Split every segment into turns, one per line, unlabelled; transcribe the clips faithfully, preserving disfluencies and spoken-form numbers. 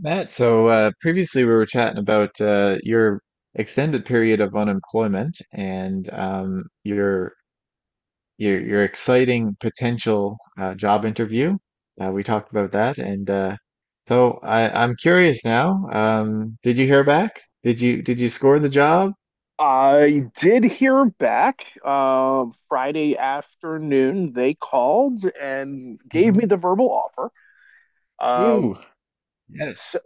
Matt, so uh, previously we were chatting about uh, your extended period of unemployment and um, your your your exciting potential uh, job interview. Uh, we talked about that, and uh, so I, I'm curious now. Um, did you hear back? Did you did you score the job?
I did hear back uh, Friday afternoon. They called and gave me
Hmm.
the verbal offer. Um,
Ooh,
so
yes.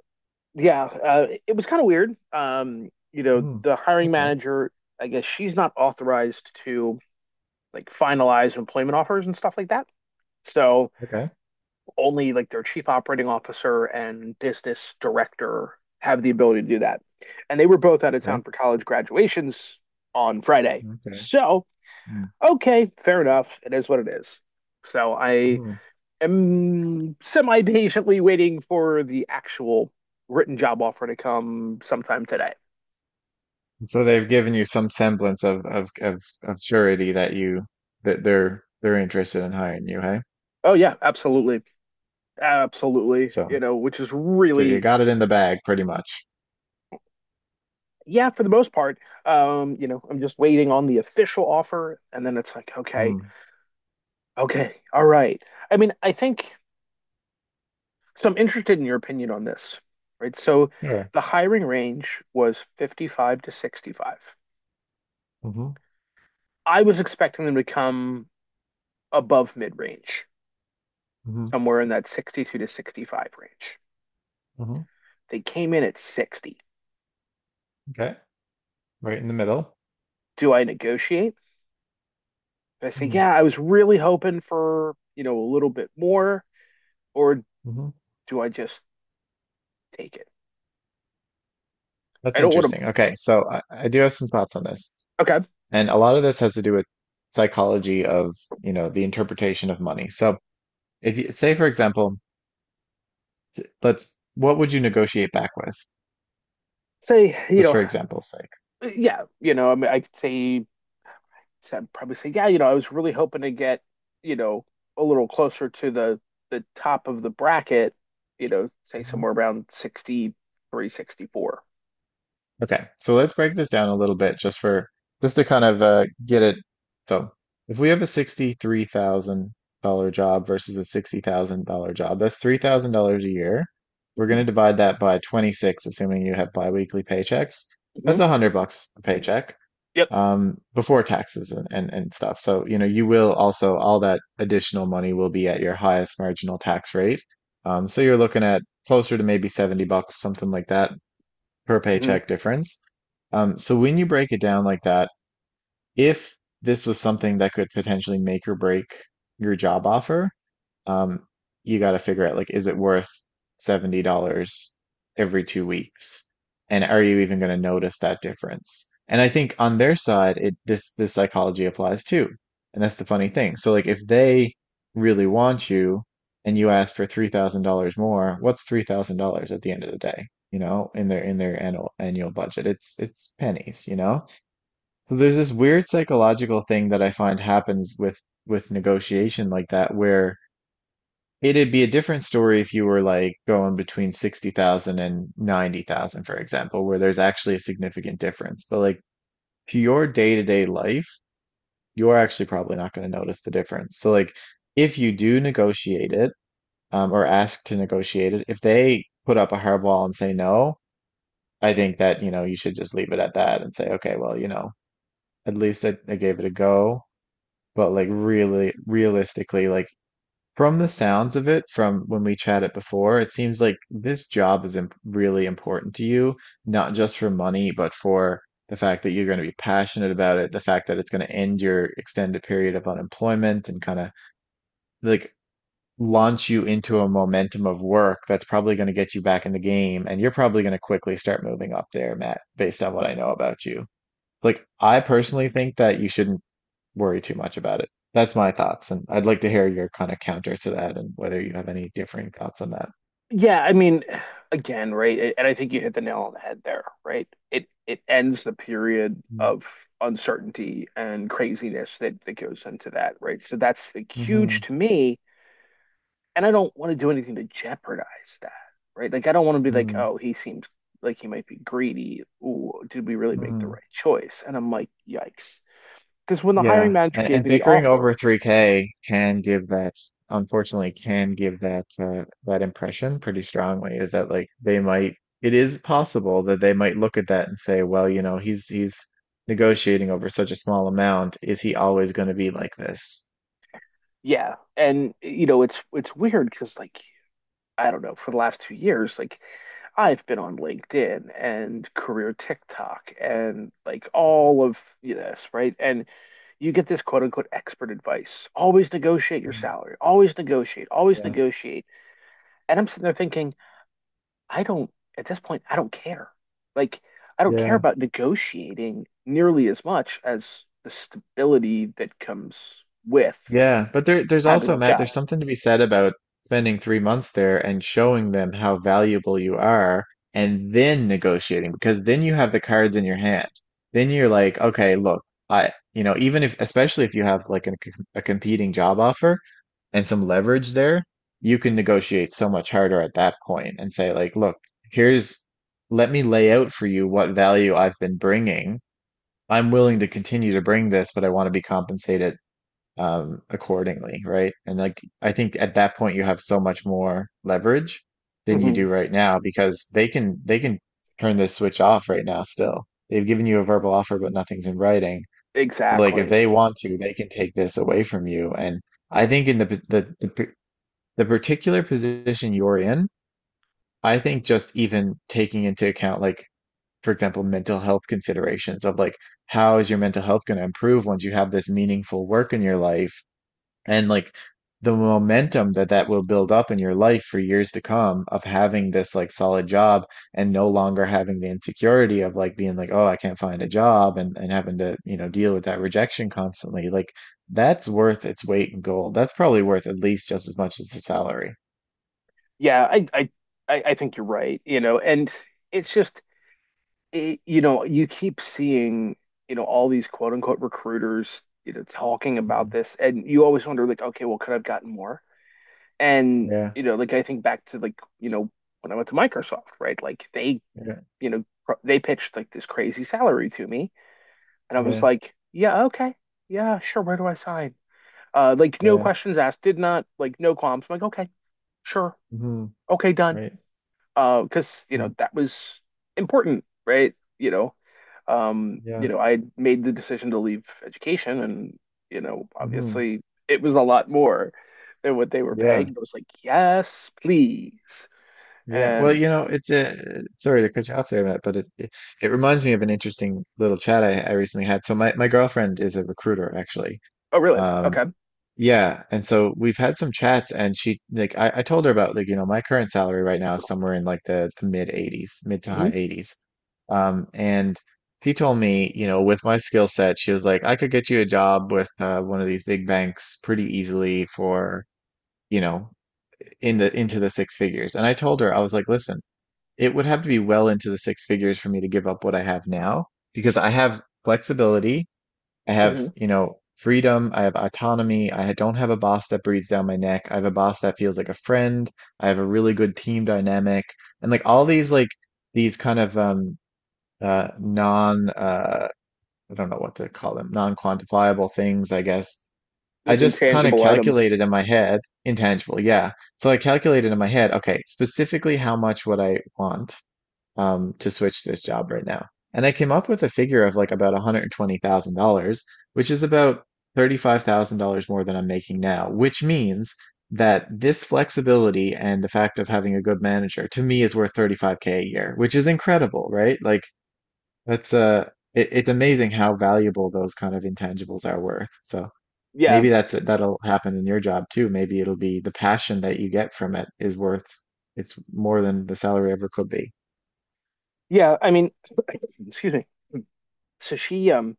yeah, uh, it was kind of weird. Um, you know,
Hmm.
the hiring
Okay.
manager, I guess she's not authorized to like finalize employment offers and stuff like that. So
Okay.
only like their chief operating officer and business director have the ability to do that. And they were both out of town
Okay.
for college graduations on Friday.
Okay.
So okay, fair enough. It is what it is. So I
Mm-hmm.
am semi patiently waiting for the actual written job offer to come sometime today.
So they've given you some semblance of of of, of surety that you that they're they're interested in hiring you, hey?
Oh, yeah, absolutely. Absolutely. You
So
know, which is
so you
really,
got it in the bag pretty much.
yeah, for the most part, um, you know, I'm just waiting on the official offer. And then it's like, okay,
Mm.
okay, all right. I mean, I think, so I'm interested in your opinion on this, right? So
Sure.
the hiring range was fifty-five to sixty-five.
Hmm.
I was expecting them to come above mid range,
Hmm.
somewhere in that sixty-two to sixty-five range.
Hmm.
They came in at sixty.
Okay. Right in the middle.
Do I negotiate? Do I say,
Mm.
yeah, I was really hoping for, you know, a little bit more, or
Hmm. Mm-hmm.
do I just take it? I
That's
don't want to,
interesting. Okay, so I, I do have some thoughts on this.
okay,
And a lot of this has to do with psychology of, you know, the interpretation of money. So if you say, for example, let's what would you negotiate back with?
say, you
Just
know,
for example's sake.
yeah, you know, I mean, I could say, I'd probably say, yeah, you know, I was really hoping to get, you know, a little closer to the the top of the bracket, you know, say somewhere around sixty-three, sixty-four.
Okay, so let's break this down a little bit just for just to kind of uh, get it. So if we have a sixty-three thousand dollar job versus a sixty thousand dollar job, that's three thousand dollars a year. We're going
Mm-hmm.
to divide that by twenty-six, assuming you have biweekly paychecks.
Hmm.
That's a hundred bucks a paycheck
Yep.
um, before taxes and, and and stuff. So you know you will also all that additional money will be at your highest marginal tax rate. Um, so you're looking at closer to maybe seventy bucks, something like that per
Hmm.
paycheck difference. Um, so when you break it down like that, if this was something that could potentially make or break your job offer, um, you got to figure out, like, is it worth seventy dollars every two weeks? And are you even going to notice that difference? And I think on their side, it this this psychology applies too. And that's the funny thing. So, like, if they really want you and you ask for three thousand dollars more, what's three thousand dollars at the end of the day? You know, in their in their annual annual budget, it's it's pennies, you know? So there's this weird psychological thing that I find happens with with negotiation like that, where it'd be a different story if you were like going between sixty thousand and ninety thousand, for example, where there's actually a significant difference. But, like, to your day-to-day life, you're actually probably not going to notice the difference. So, like, if you do negotiate it, um, or ask to negotiate it, if they put up a hardball and say no, I think that, you know, you should just leave it at that and say, okay, well, you know, at least I, I gave it a go. But, like, really, realistically, like, from the sounds of it, from when we chatted before, it seems like this job is imp really important to you, not just for money, but for the fact that you're going to be passionate about it, the fact that it's going to end your extended period of unemployment and kind of like launch you into a momentum of work that's probably going to get you back in the game. And you're probably going to quickly start moving up there, Matt, based on what I know about you. Like, I personally think that you shouldn't worry too much about it. That's my thoughts, and I'd like to hear your kind of counter to that and whether you have any differing thoughts on that.
Yeah, I mean, again, right? And I think you hit the nail on the head there, right? It it ends the period of uncertainty and craziness that that goes into that, right? So that's like
Mm-hmm.
huge to me, and I don't want to do anything to jeopardize that, right? Like I don't want to be like, oh, he seems like he might be greedy. Ooh, did we really make the
Mm-hmm.
right choice? And I'm like, yikes. Because when the hiring
Yeah,
manager
and,
gave
and
me the
bickering
offer,
over three K can give that, unfortunately, can give that uh, that impression pretty strongly. Is that like they might, it is possible that they might look at that and say, well, you know, he's he's negotiating over such a small amount. Is he always going to be like this?
yeah, and you know, it's it's weird because like I don't know, for the last two years, like I've been on LinkedIn and career TikTok and like all of this, right? And you get this quote unquote expert advice. Always negotiate your
Mm.
salary. Always negotiate. Always
Yeah.
negotiate. And I'm sitting there thinking, I don't, at this point, I don't care. Like, I don't care
Yeah.
about negotiating nearly as much as the stability that comes with
Yeah, but there, there's
having
also,
that
Matt,
job.
there's something to be said about spending three months there and showing them how valuable you are, and then negotiating, because then you have the cards in your hand. Then you're like, okay, look, I, you know, even if, especially if you have like a, com- a competing job offer and some leverage there, you can negotiate so much harder at that point and say, like, look, here's, let me lay out for you what value I've been bringing. I'm willing to continue to bring this, but I want to be compensated um, accordingly, right? And, like, I think at that point you have so much more leverage than you
Hmm.
do right now, because they can they can turn this switch off right now still. They've given you a verbal offer, but nothing's in writing. But, like, if
Exactly.
they want to, they can take this away from you. And I think in the the the, p- the particular position you're in, I think just even taking into account, like, for example, mental health considerations of, like, how is your mental health going to improve once you have this meaningful work in your life? And, like, the momentum that that will build up in your life for years to come of having this, like, solid job, and no longer having the insecurity of, like, being like, oh, I can't find a job, and and having to, you know deal with that rejection constantly. Like, that's worth its weight in gold. That's probably worth at least just as much as the salary.
Yeah, I, I, I I think you're right, you know, and it's just it, you know, you keep seeing, you know, all these quote unquote recruiters, you know, talking about
Mhm.
this, and you always wonder, like, okay, well, could I have gotten more? And,
Yeah.
you know, like I think back to like, you know, when I went to Microsoft, right? Like they,
Yeah.
you know, pr- they pitched like this crazy salary to me, and I was
Yeah.
like, yeah, okay, yeah, sure, where do I sign? Uh, like no
Yeah.
questions asked, did not like no qualms. I'm like, okay, sure,
Hmm.
okay, done.
Right.
Uh, because you know
Hmm.
that was important, right? You know, um, you
Yeah.
know, I made the decision to leave education and, you know,
Hmm.
obviously it was a lot more than what they were
Yeah.
paying. But I was like, yes, please.
Yeah, well,
And
you know, it's a sorry to cut you off there, Matt, but it it, it reminds me of an interesting little chat I, I recently had. So my my girlfriend is a recruiter, actually.
oh, really?
Um,
Okay.
yeah, and so we've had some chats, and she like I, I told her about, like, you know, my current salary right now is somewhere in, like, the, the mid eighties, mid to high
Hmm.
eighties. Um, and she told me, you know, with my skill set, she was like, I could get you a job with uh, one of these big banks pretty easily for, you know, in the into the six figures. And I told her, I was like, listen. It would have to be well into the six figures for me to give up what I have now, because I have flexibility. I have,
Hmm.
you know, freedom. I have autonomy. I don't have a boss that breathes down my neck. I have a boss that feels like a friend. I have a really good team dynamic and, like, all these, like, these kind of, um, uh, non, uh, I don't know what to call them, non-quantifiable things, I guess. I
Those
just kind of
intangible items.
calculated in my head, intangible, yeah. So I calculated in my head, okay, specifically how much would I want, um, to switch this job right now? And I came up with a figure of like about one hundred twenty thousand dollars which is about thirty-five thousand dollars more than I'm making now, which means that this flexibility and the fact of having a good manager to me is worth thirty-five K a year, which is incredible, right? Like, that's uh it, it's amazing how valuable those kind of intangibles are worth. So
Yeah.
maybe that's it. That'll happen in your job too. Maybe it'll be the passion that you get from it is worth it's more than the salary ever could be.
Yeah. I mean, excuse me. So she, um,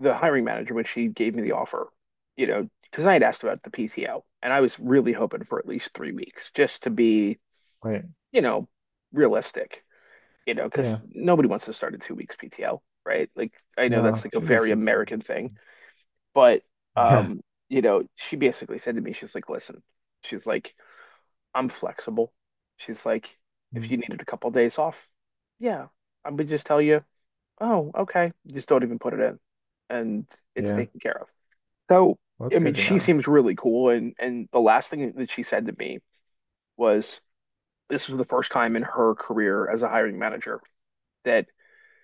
the hiring manager, when she gave me the offer, you know, because I had asked about the P T O and I was really hoping for at least three weeks just to be,
Right.
you know, realistic. You know, because
Yeah.
nobody wants to start a two weeks P T O, right? Like I know that's
No,
like a
two weeks
very
is
American
enough.
thing, but
Yeah.
um, you know, she basically said to me, she's like, listen, she's like, I'm flexible. She's like, if you
Mm.
needed a couple days off, yeah, I would just tell you, oh, okay, just don't even put it in, and it's
Yeah.
taken care of. So,
Well, that's
I
good
mean,
to
she
know.
seems really cool, and and the last thing that she said to me was, this was the first time in her career as a hiring manager that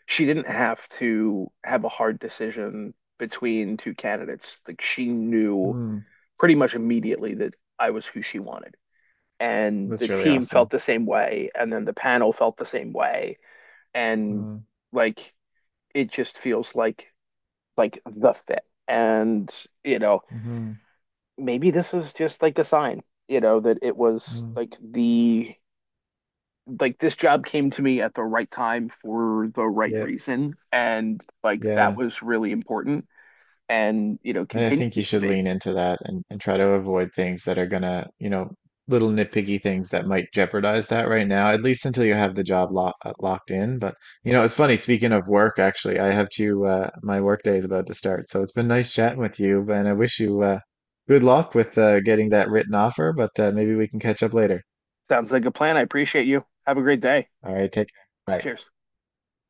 she didn't have to have a hard decision between two candidates. Like she knew
Hmm.
pretty much immediately that I was who she wanted. And the
That's really
team felt
awesome.
the same way. And then the panel felt the same way. And
Mm.
like it just feels like like the fit. And, you know,
Hmm.
maybe this was just like a sign, you know, that it was
Mm.
like the like this job came to me at the right time for the right
Yep.
reason and like that
Yeah.
was really important and, you know,
And I think you
continues to
should
be.
lean into that and, and try to avoid things that are gonna, you know, little nitpicky things that might jeopardize that right now, at least until you have the job lo uh, locked in. But, you know, it's funny, speaking of work, actually, I have to, uh, my work day is about to start. So it's been nice chatting with you, and I wish you, uh, good luck with, uh, getting that written offer, but, uh, maybe we can catch up later.
Sounds like a plan. I appreciate you. Have a great day.
All right, take care. Bye.
Cheers.